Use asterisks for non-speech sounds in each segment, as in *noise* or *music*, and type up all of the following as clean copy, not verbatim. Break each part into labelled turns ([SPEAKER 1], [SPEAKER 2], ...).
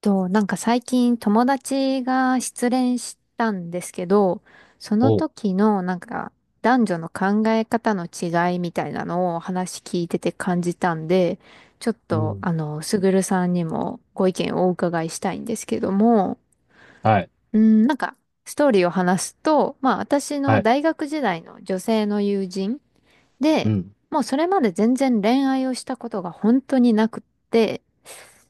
[SPEAKER 1] と、なんか最近友達が失恋したんですけど、その
[SPEAKER 2] おう、
[SPEAKER 1] 時のなんか男女の考え方の違いみたいなのを話聞いてて感じたんで、ちょっ
[SPEAKER 2] う
[SPEAKER 1] と
[SPEAKER 2] ん、
[SPEAKER 1] すぐるさんにもご意見をお伺いしたいんですけども、
[SPEAKER 2] はい、
[SPEAKER 1] うん、なんかストーリーを話すと、まあ私
[SPEAKER 2] は
[SPEAKER 1] の
[SPEAKER 2] い、
[SPEAKER 1] 大学時代の女性の友人
[SPEAKER 2] う
[SPEAKER 1] で、
[SPEAKER 2] ん、
[SPEAKER 1] もうそれまで全然恋愛をしたことが本当になくって、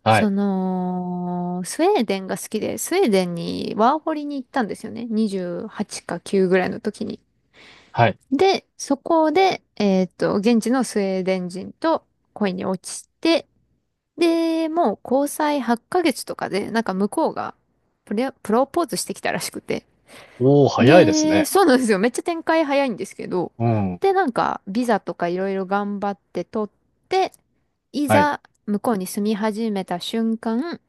[SPEAKER 2] は
[SPEAKER 1] そ
[SPEAKER 2] い、
[SPEAKER 1] の、スウェーデンが好きで、スウェーデンにワーホリに行ったんですよね。28か9ぐらいの時に。
[SPEAKER 2] はい。
[SPEAKER 1] で、そこで、現地のスウェーデン人と恋に落ちて、で、もう交際8ヶ月とかで、なんか向こうがプロポーズしてきたらしくて。
[SPEAKER 2] おお、早いです
[SPEAKER 1] で、
[SPEAKER 2] ね。
[SPEAKER 1] そうなんですよ。めっちゃ展開早いんですけど。
[SPEAKER 2] うん、
[SPEAKER 1] で、なんか、ビザとかいろいろ頑張って取って、い
[SPEAKER 2] はい。
[SPEAKER 1] ざ、向こうに住み始めた瞬間、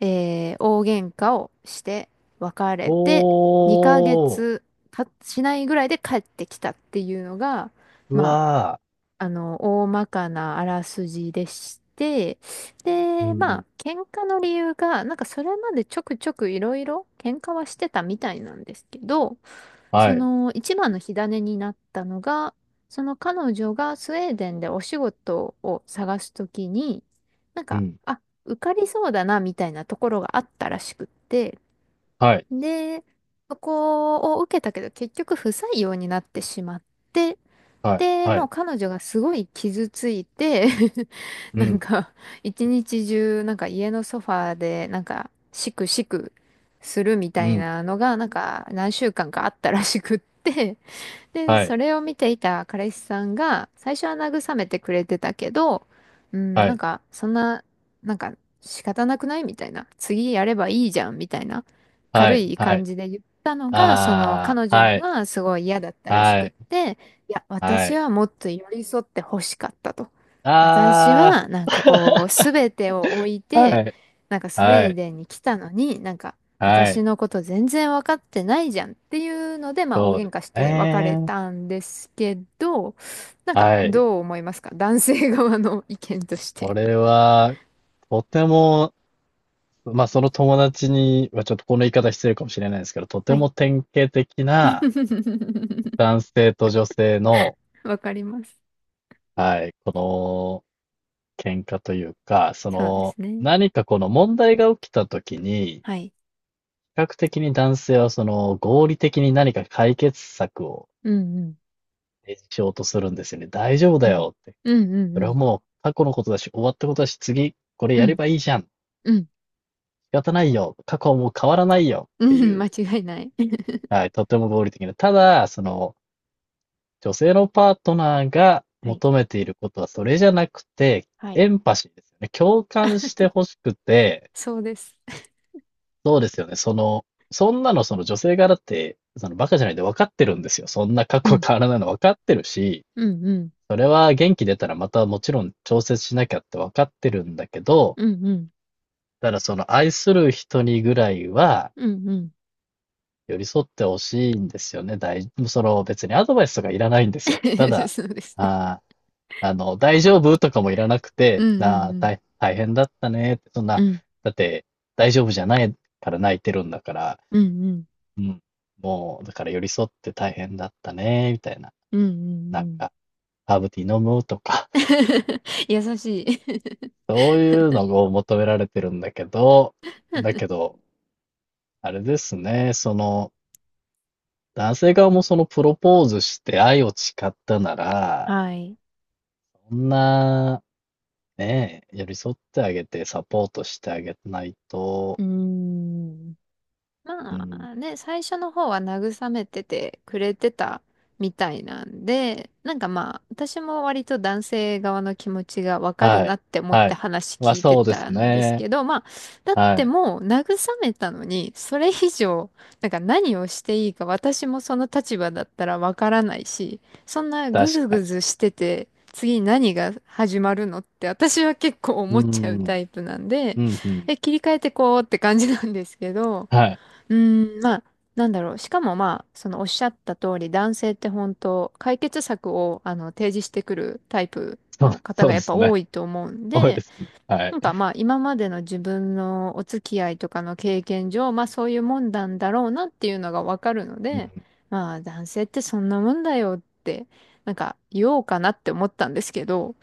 [SPEAKER 1] 大喧嘩をして別
[SPEAKER 2] お
[SPEAKER 1] れて2ヶ
[SPEAKER 2] ー、
[SPEAKER 1] 月たしないぐらいで帰ってきたっていうのが、
[SPEAKER 2] う
[SPEAKER 1] ま
[SPEAKER 2] わ
[SPEAKER 1] あ、大まかなあらすじでして、
[SPEAKER 2] ー、う
[SPEAKER 1] で、まあ、
[SPEAKER 2] ん、
[SPEAKER 1] 喧嘩の理由が、なんかそれまでちょくちょくいろいろ喧嘩はしてたみたいなんですけど、
[SPEAKER 2] は
[SPEAKER 1] そ
[SPEAKER 2] い、
[SPEAKER 1] の一番の火種になったのが、その彼女がスウェーデンでお仕事を探すときに、なん
[SPEAKER 2] う
[SPEAKER 1] か、
[SPEAKER 2] ん、
[SPEAKER 1] あ、受かりそうだなみたいなところがあったらしくって、
[SPEAKER 2] はい、
[SPEAKER 1] で、そこを受けたけど結局不採用になってしまって、
[SPEAKER 2] はい、
[SPEAKER 1] で、
[SPEAKER 2] は
[SPEAKER 1] もう
[SPEAKER 2] い、
[SPEAKER 1] 彼女がすごい傷ついて *laughs*
[SPEAKER 2] う
[SPEAKER 1] なん
[SPEAKER 2] ん、
[SPEAKER 1] か、一日中、なんか家のソファーで、なんか、しくしくするみた
[SPEAKER 2] う
[SPEAKER 1] い
[SPEAKER 2] ん、
[SPEAKER 1] なのが、なんか、何週間かあったらしくって、で、
[SPEAKER 2] はい、
[SPEAKER 1] それを見ていた彼氏さんが、最初は慰めてくれてたけど、うん、
[SPEAKER 2] は
[SPEAKER 1] なん
[SPEAKER 2] い、
[SPEAKER 1] か、そんな、なんか、仕方なくないみたいな。次やればいいじゃんみたいな。
[SPEAKER 2] は
[SPEAKER 1] 軽
[SPEAKER 2] い、
[SPEAKER 1] い
[SPEAKER 2] は
[SPEAKER 1] 感
[SPEAKER 2] い、
[SPEAKER 1] じで言ったのが、その、
[SPEAKER 2] あ
[SPEAKER 1] 彼
[SPEAKER 2] ー、
[SPEAKER 1] 女
[SPEAKER 2] は
[SPEAKER 1] に
[SPEAKER 2] い、
[SPEAKER 1] はすごい嫌だったらしく
[SPEAKER 2] は
[SPEAKER 1] っ
[SPEAKER 2] い、
[SPEAKER 1] て、いや、
[SPEAKER 2] は
[SPEAKER 1] 私
[SPEAKER 2] い、
[SPEAKER 1] はもっと寄り添って欲しかったと。私
[SPEAKER 2] あ
[SPEAKER 1] は、なんかこう、
[SPEAKER 2] ー、*laughs*
[SPEAKER 1] すべてを置い
[SPEAKER 2] は
[SPEAKER 1] て、
[SPEAKER 2] い、
[SPEAKER 1] なんかスウ
[SPEAKER 2] は
[SPEAKER 1] ェー
[SPEAKER 2] い、
[SPEAKER 1] デンに来たのに、なんか、
[SPEAKER 2] は
[SPEAKER 1] 私
[SPEAKER 2] い、
[SPEAKER 1] のこと全然分かってないじゃんっていうので、まあ大
[SPEAKER 2] そうで
[SPEAKER 1] 喧
[SPEAKER 2] す
[SPEAKER 1] 嘩して別れ
[SPEAKER 2] ね。
[SPEAKER 1] たんですけど、なんか
[SPEAKER 2] はい。
[SPEAKER 1] どう思いますか男性側の意見として。
[SPEAKER 2] これは、とてもまあ、その友達にはちょっとこの言い方失礼かもしれないですけど、とて
[SPEAKER 1] はい。
[SPEAKER 2] も典型的な
[SPEAKER 1] *laughs*
[SPEAKER 2] 男性と女性の、
[SPEAKER 1] わかります。
[SPEAKER 2] はい、この喧嘩というか、そ
[SPEAKER 1] そうで
[SPEAKER 2] の
[SPEAKER 1] すね。
[SPEAKER 2] 何かこの問題が起きた時に、
[SPEAKER 1] はい。
[SPEAKER 2] 比較的に男性はその合理的に何か解決策を
[SPEAKER 1] うんう
[SPEAKER 2] 提示しようとするんですよね。大丈夫
[SPEAKER 1] ん。う
[SPEAKER 2] だ
[SPEAKER 1] ん。
[SPEAKER 2] よって。
[SPEAKER 1] うんうん
[SPEAKER 2] そ
[SPEAKER 1] う
[SPEAKER 2] れは
[SPEAKER 1] ん。
[SPEAKER 2] もう過去のことだし、終わったことだし、次これ
[SPEAKER 1] う
[SPEAKER 2] やれ
[SPEAKER 1] ん
[SPEAKER 2] ばいいじゃん。仕
[SPEAKER 1] うん。
[SPEAKER 2] 方ないよ。過去はもう変わらないよ
[SPEAKER 1] う
[SPEAKER 2] って
[SPEAKER 1] ん *laughs*
[SPEAKER 2] い
[SPEAKER 1] 間
[SPEAKER 2] う、
[SPEAKER 1] 違いない。*laughs*
[SPEAKER 2] はい、とても合理的な。ただ、その、女性のパートナーが
[SPEAKER 1] はい。
[SPEAKER 2] 求めていることはそれじゃなくて、
[SPEAKER 1] はい。
[SPEAKER 2] エンパシーですよね。共感してほしくて、
[SPEAKER 1] そうです。
[SPEAKER 2] そうですよね。その、そんなのその女性側だって、そのバカじゃないで分かってるんですよ。そんな過
[SPEAKER 1] う
[SPEAKER 2] 去
[SPEAKER 1] ん。
[SPEAKER 2] 変わらないの分かってるし、
[SPEAKER 1] うんうん。
[SPEAKER 2] それは元気出たらまたもちろん調節しなきゃって分かってるんだけど、
[SPEAKER 1] うんうん。
[SPEAKER 2] ただその愛する人にぐらいは
[SPEAKER 1] うんうん。
[SPEAKER 2] 寄り添ってほしいんですよね。その別にアドバイスとかいらないんですよ。た
[SPEAKER 1] *laughs*
[SPEAKER 2] だ、
[SPEAKER 1] そうですね。
[SPEAKER 2] あー、あの、大丈夫とかもいらなく
[SPEAKER 1] う
[SPEAKER 2] て、
[SPEAKER 1] んう
[SPEAKER 2] なあ、
[SPEAKER 1] んう
[SPEAKER 2] 大、大変だったねって、そん
[SPEAKER 1] ん。
[SPEAKER 2] な、
[SPEAKER 1] う
[SPEAKER 2] だって、大丈夫じゃないから泣いてるんだから、
[SPEAKER 1] んうんうん。
[SPEAKER 2] うん、もう、だから寄り添って大変だったね、みたいな。
[SPEAKER 1] うんうん
[SPEAKER 2] なん
[SPEAKER 1] うん。
[SPEAKER 2] か、ハーブティー飲むとか、
[SPEAKER 1] *laughs* 優しい
[SPEAKER 2] *laughs* そういうのを求められてるんだけど、だけど、あれですね、その、男性側もそのプロポーズして愛を誓ったな
[SPEAKER 1] *laughs*
[SPEAKER 2] ら、
[SPEAKER 1] はい。
[SPEAKER 2] そんな、ねえ、寄り添ってあげてサポートしてあげないと。
[SPEAKER 1] うーん。
[SPEAKER 2] う
[SPEAKER 1] ま
[SPEAKER 2] ん、
[SPEAKER 1] あね、最初の方は慰めててくれてたみたいなんで、なんかまあ、私も割と男性側の気持ちがわかる
[SPEAKER 2] は
[SPEAKER 1] なっ
[SPEAKER 2] い。
[SPEAKER 1] て思っ
[SPEAKER 2] は
[SPEAKER 1] て
[SPEAKER 2] い。
[SPEAKER 1] 話
[SPEAKER 2] まあ、
[SPEAKER 1] 聞いて
[SPEAKER 2] そうです
[SPEAKER 1] たんです
[SPEAKER 2] ね。
[SPEAKER 1] けど、まあ、だっ
[SPEAKER 2] は
[SPEAKER 1] て
[SPEAKER 2] い。
[SPEAKER 1] もう慰めたのに、それ以上、なんか何をしていいか私もその立場だったらわからないし、そんなぐ
[SPEAKER 2] 確
[SPEAKER 1] ず
[SPEAKER 2] か
[SPEAKER 1] ぐ
[SPEAKER 2] に。
[SPEAKER 1] ずしてて、次何が始まるのって私は結構
[SPEAKER 2] う
[SPEAKER 1] 思
[SPEAKER 2] ー
[SPEAKER 1] っちゃう
[SPEAKER 2] ん。
[SPEAKER 1] タイプなんで、
[SPEAKER 2] うん、うん。
[SPEAKER 1] え、切り替えてこうって感じなんですけど、
[SPEAKER 2] はい。
[SPEAKER 1] うーん、まあ、なんだろう。しかもまあ、そのおっしゃった通り、男性って本当、解決策を提示してくるタイプ
[SPEAKER 2] そう
[SPEAKER 1] の方
[SPEAKER 2] そう
[SPEAKER 1] が
[SPEAKER 2] で
[SPEAKER 1] やっぱ
[SPEAKER 2] す
[SPEAKER 1] 多
[SPEAKER 2] ね。
[SPEAKER 1] いと思うん
[SPEAKER 2] 多いで
[SPEAKER 1] で、
[SPEAKER 2] すね。はい。
[SPEAKER 1] なんかまあ、今までの自分のお付き合いとかの経験上、まあそういうもんなんだろうなっていうのがわかるの
[SPEAKER 2] うん。
[SPEAKER 1] で、まあ、男性ってそんなもんだよって、なんか言おうかなって思ったんですけど、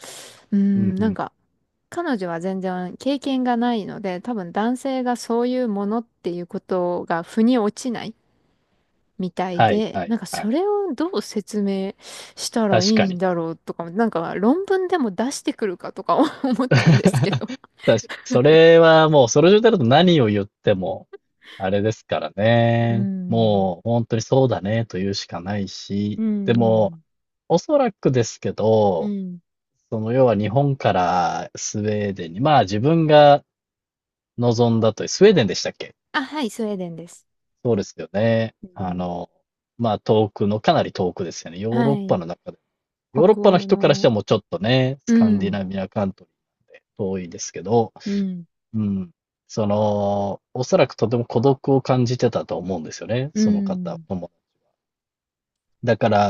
[SPEAKER 1] うー
[SPEAKER 2] うん
[SPEAKER 1] ん、
[SPEAKER 2] う
[SPEAKER 1] なん
[SPEAKER 2] ん。
[SPEAKER 1] か、彼女は全然経験がないので、多分男性がそういうものっていうことが腑に落ちないみたい
[SPEAKER 2] はい
[SPEAKER 1] で、
[SPEAKER 2] は
[SPEAKER 1] な
[SPEAKER 2] い
[SPEAKER 1] んか
[SPEAKER 2] は
[SPEAKER 1] そ
[SPEAKER 2] い。
[SPEAKER 1] れをどう説明したらい
[SPEAKER 2] 確
[SPEAKER 1] い
[SPEAKER 2] か
[SPEAKER 1] ん
[SPEAKER 2] に。
[SPEAKER 1] だろうとか、なんか論文でも出してくるかとか *laughs* 思ったんですけ
[SPEAKER 2] *laughs* 確
[SPEAKER 1] ど。
[SPEAKER 2] かに。それはもう、その状態だと何を言っても、あれですから
[SPEAKER 1] う
[SPEAKER 2] ね。
[SPEAKER 1] ん。
[SPEAKER 2] もう、本当にそうだねと言うしかない
[SPEAKER 1] う
[SPEAKER 2] し、
[SPEAKER 1] ん、
[SPEAKER 2] で
[SPEAKER 1] う
[SPEAKER 2] も、
[SPEAKER 1] ん。
[SPEAKER 2] おそらくですけ
[SPEAKER 1] う
[SPEAKER 2] ど、
[SPEAKER 1] ん。
[SPEAKER 2] その要は日本からスウェーデンに、まあ自分が望んだという、スウェーデンでしたっけ？
[SPEAKER 1] あ、はい、スウェーデンです。
[SPEAKER 2] そうですよね。
[SPEAKER 1] う
[SPEAKER 2] あ
[SPEAKER 1] ん、
[SPEAKER 2] の、まあ遠くの、かなり遠くですよね。ヨーロ
[SPEAKER 1] は
[SPEAKER 2] ッパ
[SPEAKER 1] い。
[SPEAKER 2] の中で。ヨーロッ
[SPEAKER 1] 北
[SPEAKER 2] パの
[SPEAKER 1] 欧
[SPEAKER 2] 人からして
[SPEAKER 1] の。
[SPEAKER 2] はもうちょっとね、ス
[SPEAKER 1] う
[SPEAKER 2] カンディ
[SPEAKER 1] ん。
[SPEAKER 2] ナビアカントリーなんで遠いですけど、
[SPEAKER 1] うん。
[SPEAKER 2] うん。その、おそらくとても孤独を感じてたと思うんですよね。
[SPEAKER 1] う
[SPEAKER 2] その方
[SPEAKER 1] ん。
[SPEAKER 2] も。だから、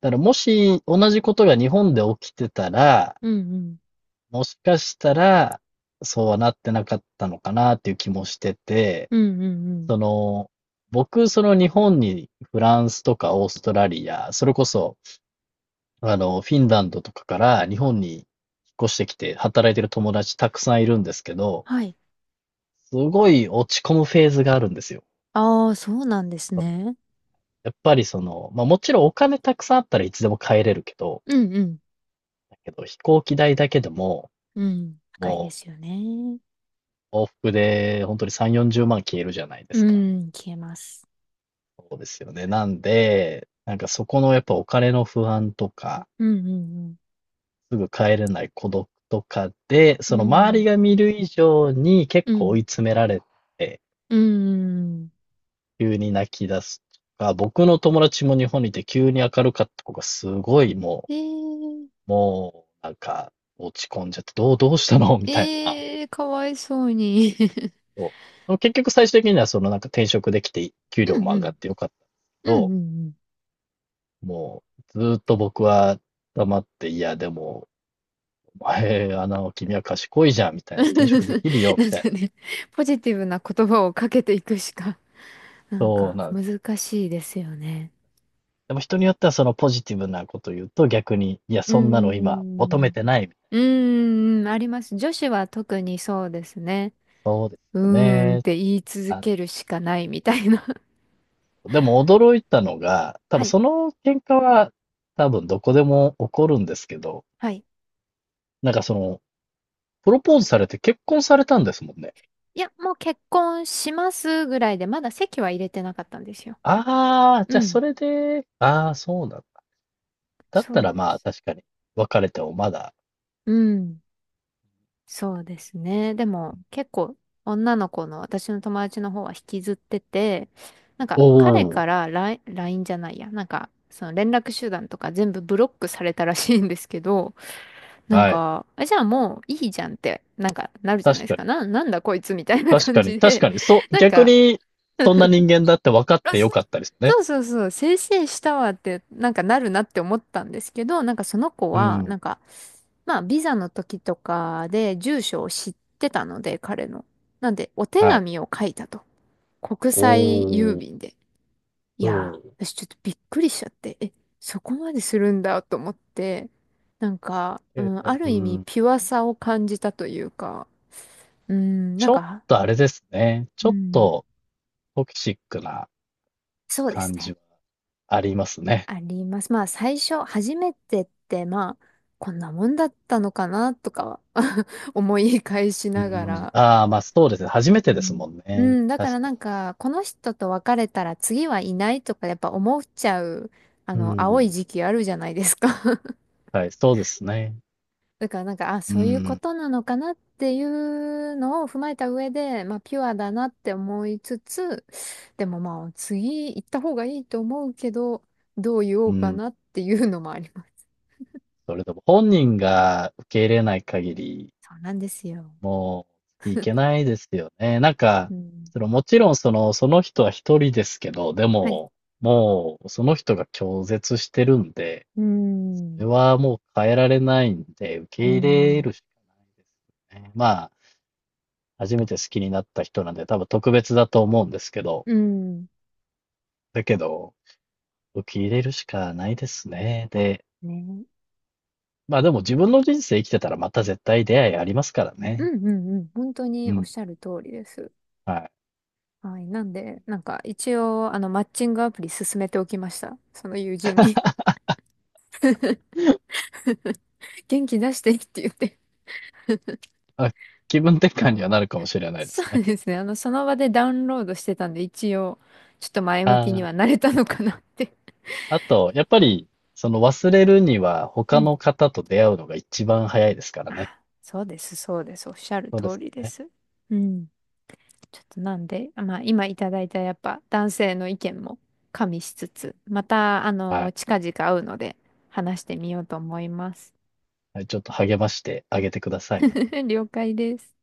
[SPEAKER 2] だからもし同じことが日本で起きてたら、
[SPEAKER 1] うん。
[SPEAKER 2] もしかしたら、そうはなってなかったのかなっていう気もしてて、
[SPEAKER 1] うん。うん。うん。うん
[SPEAKER 2] その、僕、その日本にフランスとかオーストラリア、それこそ、あの、フィンランドとかから日本に引っ越してきて働いてる友達たくさんいるんですけど、
[SPEAKER 1] はい。
[SPEAKER 2] すごい落ち込むフェーズがあるんですよ。
[SPEAKER 1] ああ、そうなんですね。
[SPEAKER 2] やっぱりその、まあもちろんお金たくさんあったらいつでも帰れるけど、
[SPEAKER 1] うんうん
[SPEAKER 2] だけど飛行機代だけでも、
[SPEAKER 1] うん。高いで
[SPEAKER 2] も
[SPEAKER 1] すよね。
[SPEAKER 2] う往復で本当に3、40万消えるじゃないで
[SPEAKER 1] う
[SPEAKER 2] すか。
[SPEAKER 1] ん、消えます。
[SPEAKER 2] そうですよね。なんで、なんかそこのやっぱお金の不安とか、
[SPEAKER 1] うんうん
[SPEAKER 2] すぐ帰れない孤独とかで、
[SPEAKER 1] う
[SPEAKER 2] その周
[SPEAKER 1] ん。
[SPEAKER 2] りが見る以上に結
[SPEAKER 1] うん。う
[SPEAKER 2] 構追
[SPEAKER 1] ん。
[SPEAKER 2] い詰められて、
[SPEAKER 1] うん。
[SPEAKER 2] 急に泣き出すとか、僕の友達も日本にいて急に明るかった子がすごいも
[SPEAKER 1] えー、
[SPEAKER 2] う、もうなんか落ち込んじゃって、どうしたのみたいな。
[SPEAKER 1] えー、かわいそうに。
[SPEAKER 2] そう結局最終的にはそのなんか転職できて
[SPEAKER 1] *laughs*
[SPEAKER 2] 給
[SPEAKER 1] う
[SPEAKER 2] 料
[SPEAKER 1] ん
[SPEAKER 2] も
[SPEAKER 1] う
[SPEAKER 2] 上がっ
[SPEAKER 1] ん。
[SPEAKER 2] てよかったんですけ
[SPEAKER 1] うんうん
[SPEAKER 2] ど、
[SPEAKER 1] うん。
[SPEAKER 2] もうずーっと僕は黙って、いやでも、お前、あの、君は賢いじゃん、みた
[SPEAKER 1] *laughs*
[SPEAKER 2] い
[SPEAKER 1] な
[SPEAKER 2] な、転
[SPEAKER 1] ん
[SPEAKER 2] 職できるよ、みたいな。
[SPEAKER 1] かね、ポジティブな言葉をかけていくしか、*laughs* なん
[SPEAKER 2] そう
[SPEAKER 1] か
[SPEAKER 2] なんですよ。
[SPEAKER 1] 難しいですよね。
[SPEAKER 2] でも人によってはそのポジティブなこと言うと逆に、いや、
[SPEAKER 1] うー
[SPEAKER 2] そんなの今求
[SPEAKER 1] ん。
[SPEAKER 2] めてないみたいな。
[SPEAKER 1] うーん、あります。女子は特にそうですね。
[SPEAKER 2] そうで
[SPEAKER 1] う
[SPEAKER 2] すよ
[SPEAKER 1] ーんっ
[SPEAKER 2] ね。
[SPEAKER 1] て言い続
[SPEAKER 2] あ
[SPEAKER 1] けるしかないみたいな。*laughs*
[SPEAKER 2] の、でも驚いたのが、多
[SPEAKER 1] は
[SPEAKER 2] 分
[SPEAKER 1] い。
[SPEAKER 2] その喧嘩は多分どこでも起こるんですけど、
[SPEAKER 1] はい
[SPEAKER 2] なんかその、プロポーズされて結婚されたんですもんね。
[SPEAKER 1] いや、もう結婚しますぐらいで、まだ籍は入れてなかったんですよ。
[SPEAKER 2] ああ、じゃあ
[SPEAKER 1] う
[SPEAKER 2] そ
[SPEAKER 1] ん。
[SPEAKER 2] れで、ああ、そうなんだ。だっ
[SPEAKER 1] そ
[SPEAKER 2] た
[SPEAKER 1] う
[SPEAKER 2] ら
[SPEAKER 1] で
[SPEAKER 2] まあ
[SPEAKER 1] す。
[SPEAKER 2] 確かに別れてもまだ、
[SPEAKER 1] うん。そうですね。でも、結構、女の子の私の友達の方は引きずってて、なん
[SPEAKER 2] お
[SPEAKER 1] か、彼
[SPEAKER 2] お、
[SPEAKER 1] からラインラインじゃないや。なんか、その連絡手段とか全部ブロックされたらしいんですけど、なん
[SPEAKER 2] はい。
[SPEAKER 1] か、あじゃあもういいじゃんって、なんか、なるじゃない
[SPEAKER 2] 確
[SPEAKER 1] です
[SPEAKER 2] か
[SPEAKER 1] か。
[SPEAKER 2] に、
[SPEAKER 1] なんだこいつみたいな
[SPEAKER 2] 確
[SPEAKER 1] 感
[SPEAKER 2] かに、
[SPEAKER 1] じ
[SPEAKER 2] 確
[SPEAKER 1] で、
[SPEAKER 2] かに、そう、
[SPEAKER 1] なん
[SPEAKER 2] 逆
[SPEAKER 1] か、
[SPEAKER 2] にそんな人間だって分かっ
[SPEAKER 1] あ、
[SPEAKER 2] てよかったですね。
[SPEAKER 1] そうそうそう、せいせいしたわって、なんかなるなって思ったんですけど、なんかその子
[SPEAKER 2] う
[SPEAKER 1] は、
[SPEAKER 2] ん。
[SPEAKER 1] なんか、まあ、ビザの時とかで住所を知ってたので、彼の。なんで、お手
[SPEAKER 2] はい。
[SPEAKER 1] 紙を書いたと。国
[SPEAKER 2] お
[SPEAKER 1] 際郵
[SPEAKER 2] お、
[SPEAKER 1] 便で。い
[SPEAKER 2] う
[SPEAKER 1] や
[SPEAKER 2] ん。
[SPEAKER 1] ー、私ちょっとびっくりしちゃって、え、そこまでするんだと思って、なんか、う
[SPEAKER 2] え
[SPEAKER 1] ん、あ
[SPEAKER 2] ー、
[SPEAKER 1] る
[SPEAKER 2] う
[SPEAKER 1] 意味、
[SPEAKER 2] ん。
[SPEAKER 1] ピュアさを感じたというか、うん、な
[SPEAKER 2] ち
[SPEAKER 1] ん
[SPEAKER 2] ょっ
[SPEAKER 1] か、
[SPEAKER 2] とあれですね。
[SPEAKER 1] う
[SPEAKER 2] ちょっ
[SPEAKER 1] ん、
[SPEAKER 2] とトキシックな
[SPEAKER 1] そうです
[SPEAKER 2] 感じ
[SPEAKER 1] ね。
[SPEAKER 2] はありますね。
[SPEAKER 1] あります。まあ最初、初めてって、まあ、こんなもんだったのかなとかは *laughs* 思い返し
[SPEAKER 2] う
[SPEAKER 1] なが
[SPEAKER 2] ん。
[SPEAKER 1] ら。
[SPEAKER 2] ああ、ま、そうですね。初め
[SPEAKER 1] う
[SPEAKER 2] てです
[SPEAKER 1] ん。
[SPEAKER 2] もん
[SPEAKER 1] う
[SPEAKER 2] ね。
[SPEAKER 1] ん、だから
[SPEAKER 2] 確か
[SPEAKER 1] なんか、この人と別れたら次はいないとかやっぱ思っちゃう、あ
[SPEAKER 2] に。う
[SPEAKER 1] の、青い
[SPEAKER 2] ん。
[SPEAKER 1] 時期あるじゃないですか *laughs*
[SPEAKER 2] はい、そうですね。
[SPEAKER 1] だからなんか、あ、
[SPEAKER 2] う
[SPEAKER 1] そういうこ
[SPEAKER 2] ん、
[SPEAKER 1] となのかなっていうのを踏まえた上で、まあ、ピュアだなって思いつつ、でもまあ、次行った方がいいと思うけど、どう言お
[SPEAKER 2] う
[SPEAKER 1] うか
[SPEAKER 2] ん。
[SPEAKER 1] なっていうのもあります。
[SPEAKER 2] それでも本人が受け入れない限り、
[SPEAKER 1] そうなんですよ。
[SPEAKER 2] もういけないですよね。なんか、
[SPEAKER 1] うん。
[SPEAKER 2] その、もちろんその、その人は一人ですけど、で
[SPEAKER 1] はい。
[SPEAKER 2] も、もうその人が拒絶してるんで、
[SPEAKER 1] うー
[SPEAKER 2] それ
[SPEAKER 1] ん。
[SPEAKER 2] はもう変えられないんで、受
[SPEAKER 1] う
[SPEAKER 2] け
[SPEAKER 1] ー
[SPEAKER 2] 入れる
[SPEAKER 1] ん。
[SPEAKER 2] しかないですね。まあ、初めて好きになった人なんで、多分特別だと思うんですけど、
[SPEAKER 1] うーん。
[SPEAKER 2] だけど、受け入れるしかないですね。で、
[SPEAKER 1] ね。
[SPEAKER 2] まあでも自分の人生生きてたらまた絶対出会いありますから
[SPEAKER 1] う
[SPEAKER 2] ね。
[SPEAKER 1] んうんうん。本当に
[SPEAKER 2] う
[SPEAKER 1] おっ
[SPEAKER 2] ん。
[SPEAKER 1] しゃる通りです。
[SPEAKER 2] はい。
[SPEAKER 1] はい。なんで、なんか一応、マッチングアプリ進めておきました。その友人に *laughs* 元気出してって言って。
[SPEAKER 2] まあ、気分転換にはなるかもしれないで
[SPEAKER 1] そ
[SPEAKER 2] すね。
[SPEAKER 1] うですね。その場でダウンロードしてたんで、一応、ちょっと前向きに
[SPEAKER 2] あ
[SPEAKER 1] はなれたのかなって。
[SPEAKER 2] あ、あと、やっぱり、その忘れるには
[SPEAKER 1] う
[SPEAKER 2] 他
[SPEAKER 1] ん。
[SPEAKER 2] の方と出会うのが一番早いですからね。
[SPEAKER 1] あ、そうです、そうです。おっしゃる
[SPEAKER 2] そうで
[SPEAKER 1] 通
[SPEAKER 2] す
[SPEAKER 1] りで
[SPEAKER 2] ね。
[SPEAKER 1] す。うん。ちょっとなんで、まあ今いただいたやっぱ男性の意見も加味しつつ、また
[SPEAKER 2] はい。
[SPEAKER 1] 近々会うので話してみようと思います。
[SPEAKER 2] はい、ちょっと励ましてあげてください。
[SPEAKER 1] *laughs* 了解です。